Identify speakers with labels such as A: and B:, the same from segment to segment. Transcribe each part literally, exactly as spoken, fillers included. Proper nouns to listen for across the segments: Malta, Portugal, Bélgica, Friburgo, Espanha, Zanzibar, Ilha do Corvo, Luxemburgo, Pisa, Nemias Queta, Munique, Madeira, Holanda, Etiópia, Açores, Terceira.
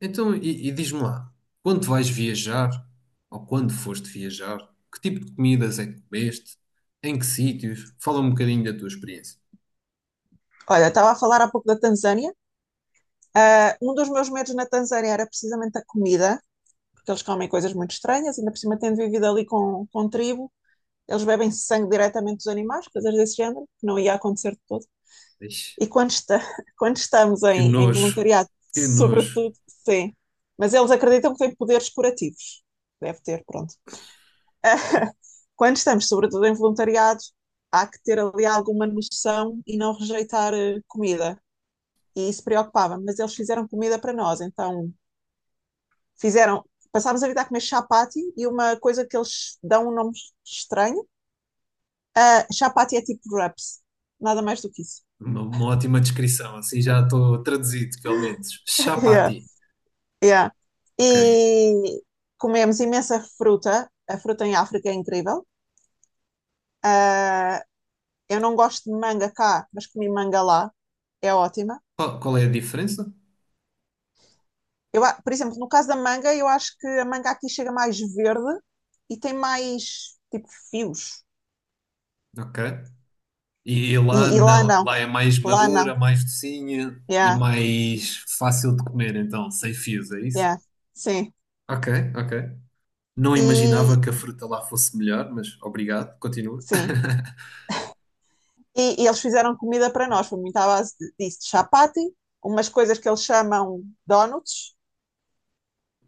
A: Então, e, e diz-me lá, quando vais viajar, ou quando foste viajar, que tipo de comidas é que comeste? Em que sítios? Fala um bocadinho da tua experiência.
B: Olha, estava a falar há pouco da Tanzânia. Ah, um dos meus medos na Tanzânia era precisamente a comida, porque eles comem coisas muito estranhas, ainda por cima tendo vivido ali com, com tribo, eles bebem sangue diretamente dos animais, coisas desse género, que não ia acontecer de todo.
A: Ixi,
B: E quando, esta- quando estamos
A: que
B: em, em
A: nojo,
B: voluntariado,
A: que nojo.
B: sobretudo, sim. Mas eles acreditam que têm poderes curativos. Deve ter, pronto. Ah, Quando estamos, sobretudo, em voluntariado, há que ter ali alguma noção e não rejeitar eh, comida e se preocupava, mas eles fizeram comida para nós, então fizeram. Passámos a vida a comer chapati e uma coisa que eles dão um nome estranho. Uh, chapati é tipo wraps, nada mais do que isso.
A: Uma, uma ótima descrição, assim já estou traduzido, pelo menos.
B: yeah,
A: Chapati.
B: yeah.
A: Ok.
B: E comemos imensa fruta, a fruta em África é incrível. Uh, eu não gosto de manga cá, mas comi manga lá, é ótima.
A: Qual, qual é a diferença?
B: Eu, por exemplo, no caso da manga, eu acho que a manga aqui chega mais verde e tem mais tipo fios.
A: Ok. E
B: E,
A: lá
B: e lá
A: não,
B: não,
A: lá é mais
B: lá
A: madura,
B: não.
A: mais docinha e
B: Yeah,
A: mais fácil de comer, então, sem fios, é isso?
B: yeah, sim.
A: Ok, ok. Não
B: E
A: imaginava que a fruta lá fosse melhor, mas obrigado, continua.
B: sim. E, e eles fizeram comida para nós, foi muito à base de- disso, de chapati, umas coisas que eles chamam donuts,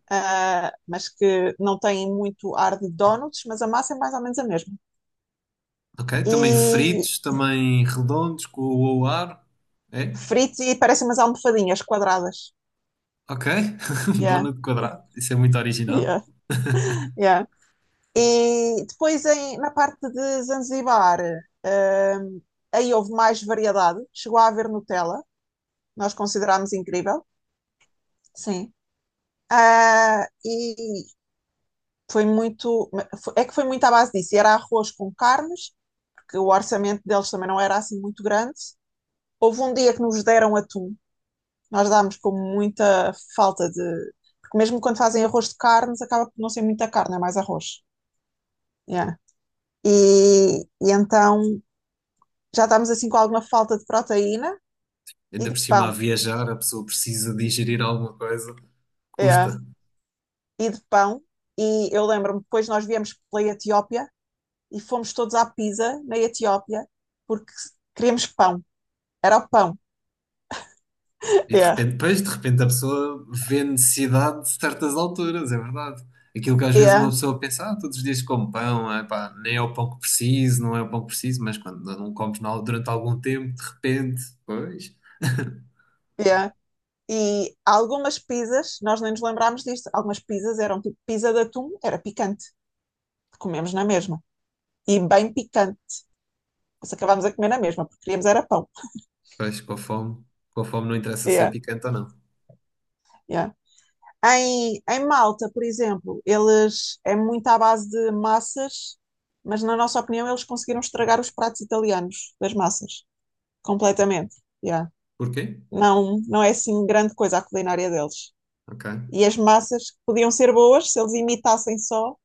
B: ah, mas que não têm muito ar de donuts, mas a massa é mais ou menos a mesma.
A: Ok, também
B: E
A: fritos, também redondos, com o ar. É?
B: fritos e parecem umas almofadinhas quadradas.
A: Ok, um
B: Yeah,
A: donut quadrado, isso é muito original.
B: yeah, yeah. E depois em- na parte de Zanzibar, ah, aí houve mais variedade, chegou a haver Nutella, nós considerámos incrível. Sim. Ah, e foi muito. É que foi muito à base disso. Era arroz com carnes, porque o orçamento deles também não era assim muito grande. Houve um dia que nos deram atum. Nós dámos com muita falta de. Porque mesmo quando fazem arroz de carnes, acaba por não ser muita carne, é mais arroz. Yeah. E, e então já estávamos assim com alguma falta de proteína e
A: Ainda
B: de
A: por cima, a
B: pão.
A: viajar, a pessoa precisa digerir alguma coisa,
B: Yeah.
A: custa.
B: E de pão. E eu lembro-me, depois nós viemos pela Etiópia e fomos todos à Pisa, na Etiópia, porque queríamos pão. Era o pão.
A: E de
B: Yeah.
A: repente, pois, de repente a pessoa vê necessidade de certas alturas, é verdade. Aquilo que às vezes uma
B: Yeah,
A: pessoa pensa, ah, todos os dias como pão, ah, pá, nem é o pão que preciso, não é o pão que preciso, mas quando não comes na- durante algum tempo, de repente, pois,
B: yeah. E algumas pizzas, nós nem nos lembrámos disto, algumas pizzas eram tipo pizza de atum, era picante, comemos na mesma. E bem picante, nós acabámos a comer na mesma, porque queríamos era pão.
A: pois, com a fome, com a fome não interessa ser
B: Yeah,
A: picante ou não.
B: yeah. Em, em Malta, por exemplo, eles é muito à base de massas, mas na nossa opinião eles conseguiram estragar os pratos italianos das massas, completamente. Yeah.
A: Porquê?
B: não, não é assim grande coisa a culinária deles.
A: Ok.
B: E as massas podiam ser boas se eles imitassem só,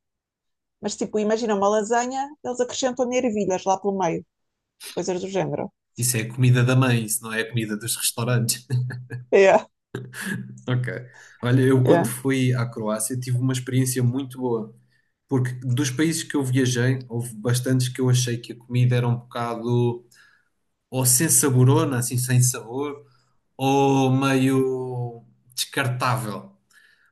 B: mas tipo, imagina uma lasanha, eles acrescentam ervilhas lá pelo meio, coisas do género.
A: Isso é a comida da mãe, isso não é a comida dos restaurantes.
B: Yeah,
A: Ok. Olha, eu quando
B: yeah,
A: fui à Croácia tive uma experiência muito boa. Porque dos países que eu viajei, houve bastantes que eu achei que a comida era um bocado ou sem saborona, assim sem sabor, ou meio descartável.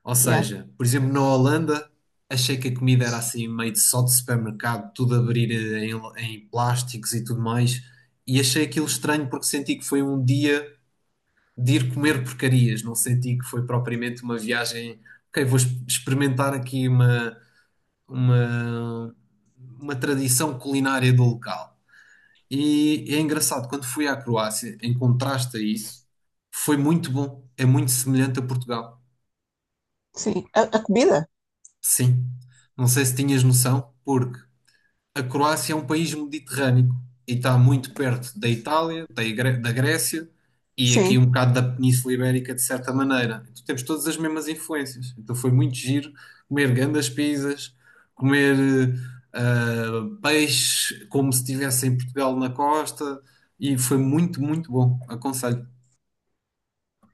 A: Ou
B: yeah.
A: seja, por exemplo, na Holanda, achei que a comida era assim meio de só de supermercado, tudo a abrir em, em plásticos e tudo mais. E achei aquilo estranho porque senti que foi um dia de ir comer porcarias, não senti que foi propriamente uma viagem. Ok, vou ex- experimentar aqui uma, uma tradição culinária do local. E é engraçado, quando fui à Croácia, em contraste a isso, foi muito bom. É muito semelhante a Portugal.
B: Sim, a, a comida,
A: Sim. Não sei se tinhas noção, porque a Croácia é um país mediterrâneo e está muito perto da Itália, da, Igre- da Grécia e aqui
B: sim,
A: um bocado da Península Ibérica, de certa maneira. Então temos todas as mesmas influências. Então foi muito giro comer grandes pizzas, comer eh, ah, peixe como se estivesse em Portugal na costa e foi muito, muito bom. Aconselho.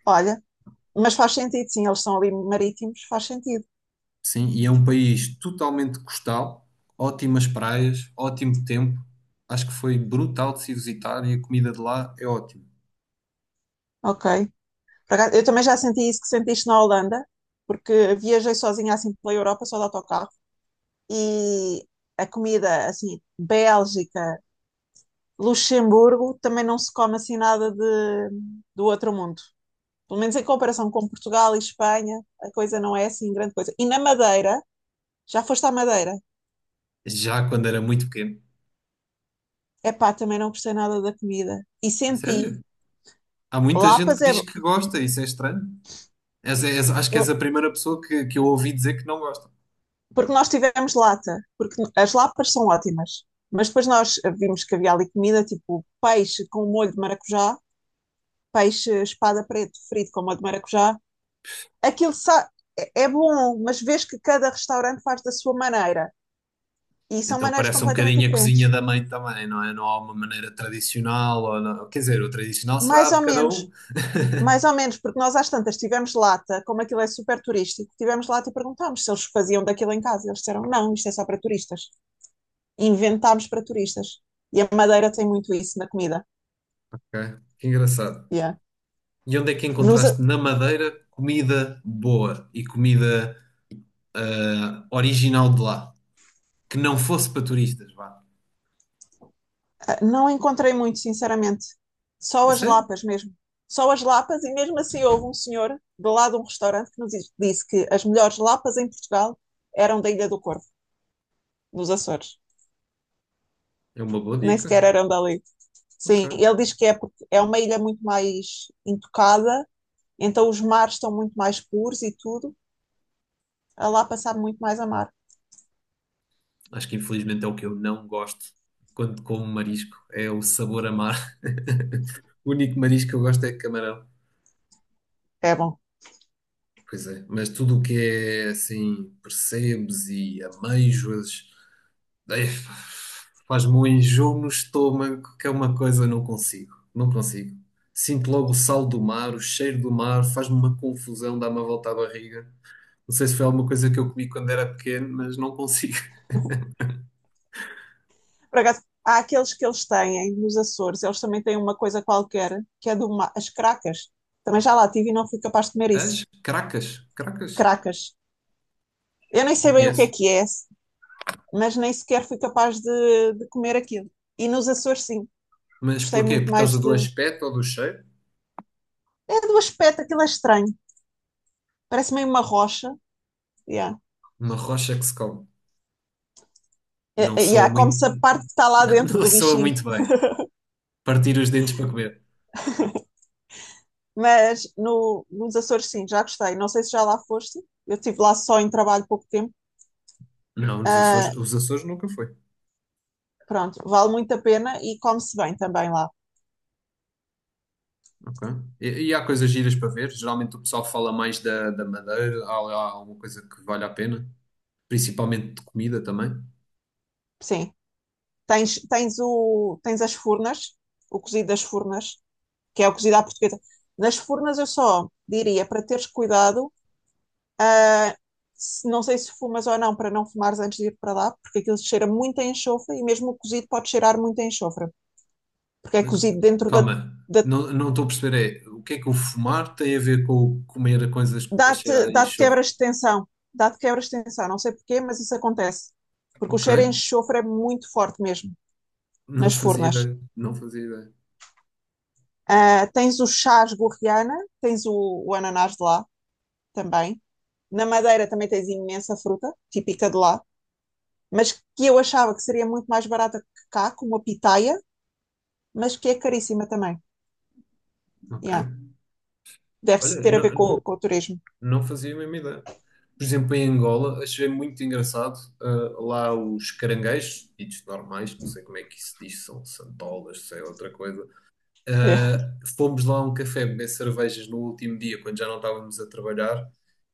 B: olha, mas faz sentido, sim, eles são ali marítimos, faz sentido,
A: Sim, e é um país totalmente costal, ótimas praias, ótimo tempo. Acho que foi brutal de se visitar e a comida de lá é ótima.
B: ok. Por acaso, eu também já senti isso que sentiste na Holanda, porque viajei sozinha assim pela Europa, só de autocarro, e a comida, assim, Bélgica, Luxemburgo também não se come assim nada de, do outro mundo. Pelo menos em comparação com Portugal e Espanha, a coisa não é assim grande coisa. E na Madeira, já foste à Madeira?
A: Já quando era muito pequeno.
B: Epá, também não gostei nada da comida. E
A: A
B: senti,
A: sério? Há muita gente
B: lapas
A: que
B: é.
A: diz que gosta, isso é estranho. És- és- acho que és a primeira pessoa que, que eu ouvi dizer que não gosta.
B: Porque nós tivemos lata, porque as lapas são ótimas. Mas depois nós vimos que havia ali comida, tipo peixe com molho de maracujá, peixe espada preto frito com molho de maracujá. Aquilo sa- é é bom, mas vês que cada restaurante faz da sua maneira. E são
A: Então
B: maneiras
A: parece um
B: completamente
A: bocadinho a cozinha
B: diferentes.
A: da mãe também, não é? Não há uma maneira tradicional, ou não- quer dizer, o tradicional será
B: Mais
A: a
B: ou
A: de cada
B: menos,
A: um.
B: mais ou menos, porque nós às tantas tivemos lata, como aquilo é super turístico, tivemos lata e perguntámos se eles faziam daquilo em casa. Eles disseram, não, isto é só para turistas. Inventámos para turistas. E a Madeira tem muito isso na comida.
A: Ok, que engraçado.
B: Yeah.
A: E onde é que
B: Nos, eh,
A: encontraste na Madeira comida boa e comida ah, original de lá? Que não fosse para turistas, vá.
B: não encontrei muito, sinceramente. Só
A: A
B: as
A: sério?
B: lapas mesmo. Só as lapas, e mesmo assim houve um senhor do lado de um restaurante que nos disse que as melhores lapas em Portugal eram da Ilha do Corvo, nos Açores.
A: É uma boa
B: Nem
A: dica.
B: sequer eram dali.
A: Ok.
B: Sim, ele diz que é porque é uma ilha muito mais intocada, então os mares estão muito mais puros e tudo, a lá passar muito mais a mar.
A: Acho que infelizmente é o que eu não gosto quando como marisco. É o sabor amar. O único marisco que eu gosto é camarão.
B: É bom.
A: Pois é, mas tudo o que é assim, percebes e ameijoas, eh, faz-me um enjoo no estômago, que é uma coisa que eu não consigo. Não consigo. Sinto logo o sal do mar, o cheiro do mar, faz-me uma confusão, dá-me a volta à barriga. Não sei se foi alguma coisa que eu comi quando era pequeno, mas não consigo.
B: Por acaso, há aqueles que eles têm nos Açores, eles também têm uma coisa qualquer, que é do mar, as cracas. Também já lá tive e não fui capaz de comer
A: As
B: isso.
A: cracas, cracas,
B: Cracas. Eu nem sei
A: não
B: bem o que é
A: conheço.
B: que é, mas nem sequer fui capaz de, de comer aquilo. E nos Açores, sim,
A: Mas
B: gostei
A: porquê?
B: muito
A: Por causa
B: mais
A: do
B: de.
A: aspecto ou do cheiro?
B: É do aspecto, aquilo é estranho. Parece meio uma rocha. Yeah.
A: Uma rocha que se come.
B: E
A: Não
B: eh,
A: soa
B: yeah,
A: muito.
B: come-se a parte que está lá dentro
A: Não
B: do
A: soa
B: bichinho.
A: muito bem. Partir os dentes para comer.
B: Mas no, nos Açores, sim, já gostei. Não sei se já lá foste. Eu estive lá só em trabalho pouco tempo.
A: Não, nos Açores,
B: Ah,
A: os Açores nunca foi.
B: Pronto, vale muito a pena e come-se bem também lá.
A: Ok. E, e há coisas giras para ver. Geralmente o pessoal fala mais da, da Madeira. Há lá alguma coisa que vale a pena. Principalmente de comida também.
B: Sim, tens, tens, o, tens as furnas, o cozido das furnas, que é o cozido à portuguesa. Nas furnas eu só diria para teres cuidado, ah, se- não sei se fumas ou não, para não fumares antes de ir para lá, porque aquilo cheira muito a enxofre e mesmo o cozido pode cheirar muito a enxofre. Porque é
A: Da-
B: cozido dentro da.
A: Calma,
B: da
A: não, não estou a perceber. É, o que é que o fumar tem a ver com o comer coisas a cheirar
B: dá-te
A: a
B: dá
A: enxofre?
B: quebras de tensão. Dá-te quebras de tensão. Não sei porquê, mas isso acontece. Porque o
A: Ok.
B: cheiro em enxofre é muito forte mesmo
A: Não
B: nas
A: fazia
B: furnas.
A: ideia. Não fazia ideia.
B: Uh, tens o chás gorriana, tens o, o ananás de lá também. Na Madeira também tens imensa fruta, típica de lá, mas que eu achava que seria muito mais barata que cá, como a pitaia, mas que é caríssima também.
A: Ok.
B: Yeah. Deve-se
A: Olha,
B: ter a ver
A: não.
B: com, com o turismo.
A: Não fazia a mesma ideia. Por exemplo, em Angola, achei muito engraçado ah, lá os caranguejos, ditos normais, não sei como é que isso diz, são santolas, sei outra coisa. Ah, fomos lá a um café beber cervejas no último dia, quando já não estávamos a trabalhar,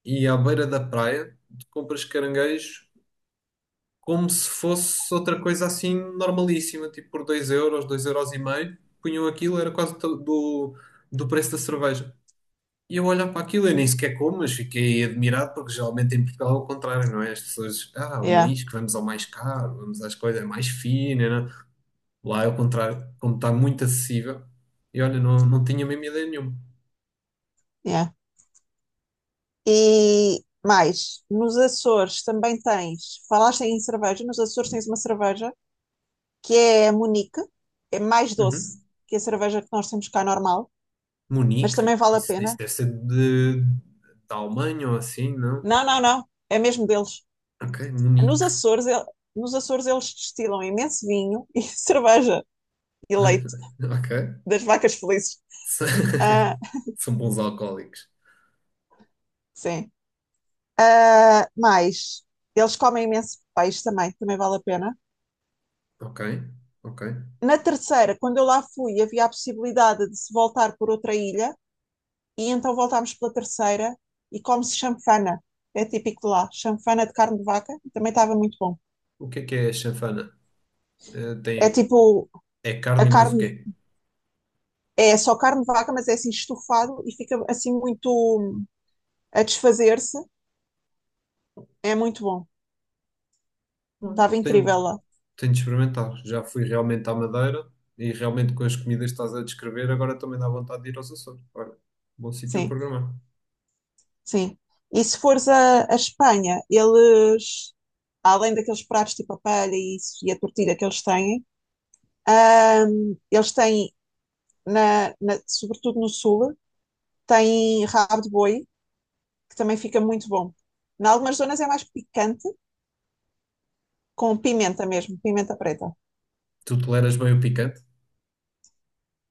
A: e à beira da praia, compras caranguejos como se fosse outra coisa assim normalíssima, tipo por dois euros, dois euros e meio, punham aquilo, era quase do, do preço da cerveja. E eu olhar para aquilo, eu nem sequer como, mas fiquei admirado porque geralmente em Portugal é o contrário, não é? As pessoas, ah, o
B: Yeah,
A: marisco, vamos ao mais caro, vamos às coisas é mais finas, não é? Lá é o contrário, como está muito acessível. E olha, não, não tinha mesmo ideia nenhuma.
B: yeah. E mais, nos Açores também tens, falaste em cerveja, nos Açores tens uma cerveja que é a Munique, é mais doce
A: Uhum.
B: que a cerveja que nós temos cá normal, mas
A: Munique,
B: também vale a
A: isso, isso
B: pena.
A: deve ser de, da Alemanha ou assim, não?
B: Não, não, não, é mesmo deles.
A: Ok,
B: Nos
A: Munique.
B: Açores, el- nos Açores eles destilam imenso vinho e cerveja e
A: Olha,
B: leite
A: ok.
B: das vacas felizes.
A: S-
B: Ah,
A: São bons alcoólicos.
B: sim. Ah, mais, eles comem imenso peixe também, também vale a pena.
A: Ok, ok.
B: Na terceira, quando eu lá fui, havia a possibilidade de se voltar por outra ilha e então voltámos pela terceira e come-se chanfana. É típico de lá, chanfana de carne de vaca, também estava muito bom.
A: O que é que é a chanfana? Eh,
B: É
A: tem,
B: tipo,
A: é
B: a
A: carne e mais o
B: carne
A: quê?
B: é só carne de vaca, mas é assim estufado e fica assim muito hum, a desfazer-se. É muito bom.
A: Hum.
B: Estava
A: Tenho,
B: incrível lá.
A: tenho de experimentar. Já fui realmente à Madeira e realmente com as comidas que estás a descrever, agora também dá vontade de ir aos Açores. Olha, bom sítio a
B: Sim,
A: programar.
B: sim. E se fores a, a Espanha, eles, além daqueles pratos tipo a paella e isso, e a tortilha que eles têm, hum, eles têm, na, na- sobretudo no sul, têm rabo de boi, que também fica muito bom. Em algumas zonas é mais picante, com pimenta mesmo, pimenta preta.
A: Tu toleras bem o picante?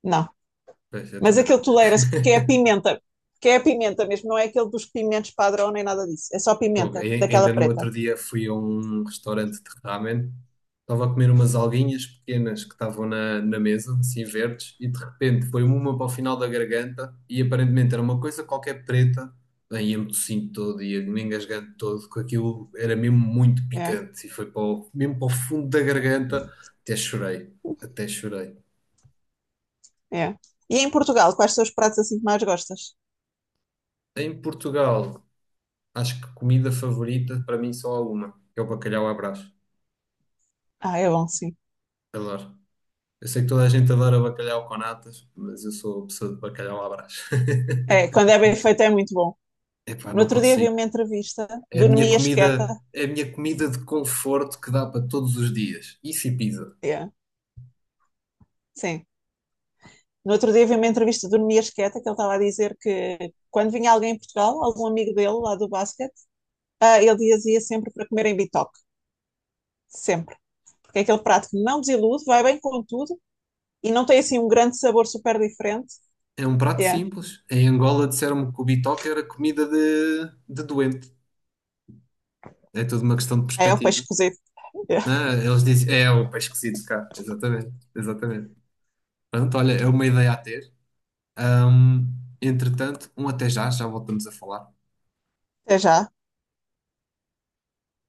B: Não,
A: Pois, eu
B: mas
A: também não.
B: aquele tolera-se porque é a pimenta, porque é a pimenta mesmo, não é aquele dos pimentos padrão nem nada disso, é só
A: Fogo.
B: pimenta,
A: Ai- Ainda
B: daquela
A: no
B: preta.
A: outro dia fui a um restaurante de ramen, estava a comer umas alguinhas pequenas que estavam na, na mesa, assim verdes, e de repente foi uma para o final da garganta e aparentemente era uma coisa qualquer preta. Bem, ia-me tossindo todo, ia me engasgando todo, com aquilo era mesmo muito
B: É,
A: picante e foi para o- mesmo para o fundo da garganta, até chorei, até chorei.
B: é. E em Portugal, quais são os pratos assim que mais gostas?
A: Em Portugal, acho que comida favorita para mim só há uma, que é o bacalhau à Brás.
B: Ah, é bom, sim.
A: Adoro. Eu sei que toda a gente adora bacalhau com natas, mas eu sou pessoa de bacalhau à Brás.
B: É, quando é bem feito é muito bom.
A: Epá,
B: No
A: não
B: outro dia vi
A: consigo.
B: uma entrevista
A: É a
B: do
A: minha
B: Nemias Queta,
A: comida, é a minha comida de conforto que dá para todos os dias. Isso e pizza.
B: é, sim. No outro dia vi uma entrevista do Nemias Queta que ele estava a dizer que quando vinha alguém em Portugal, algum amigo dele lá do basquete, ah, ele dizia sempre para comer em bitoque, sempre. Porque é aquele prato que não desilude, vai bem com tudo e não tem assim um grande sabor super diferente.
A: É um prato
B: Yeah.
A: simples. Em Angola disseram-me que o bitoque era comida de, de doente. É tudo uma questão de
B: É o peixe
A: perspectiva.
B: cozido. Yeah.
A: Ah, eles dizem, é o peixe cozido cá. Exatamente, exatamente. Pronto, olha, é uma ideia a ter. Hum, entretanto, um até já, já voltamos a falar.
B: Até já.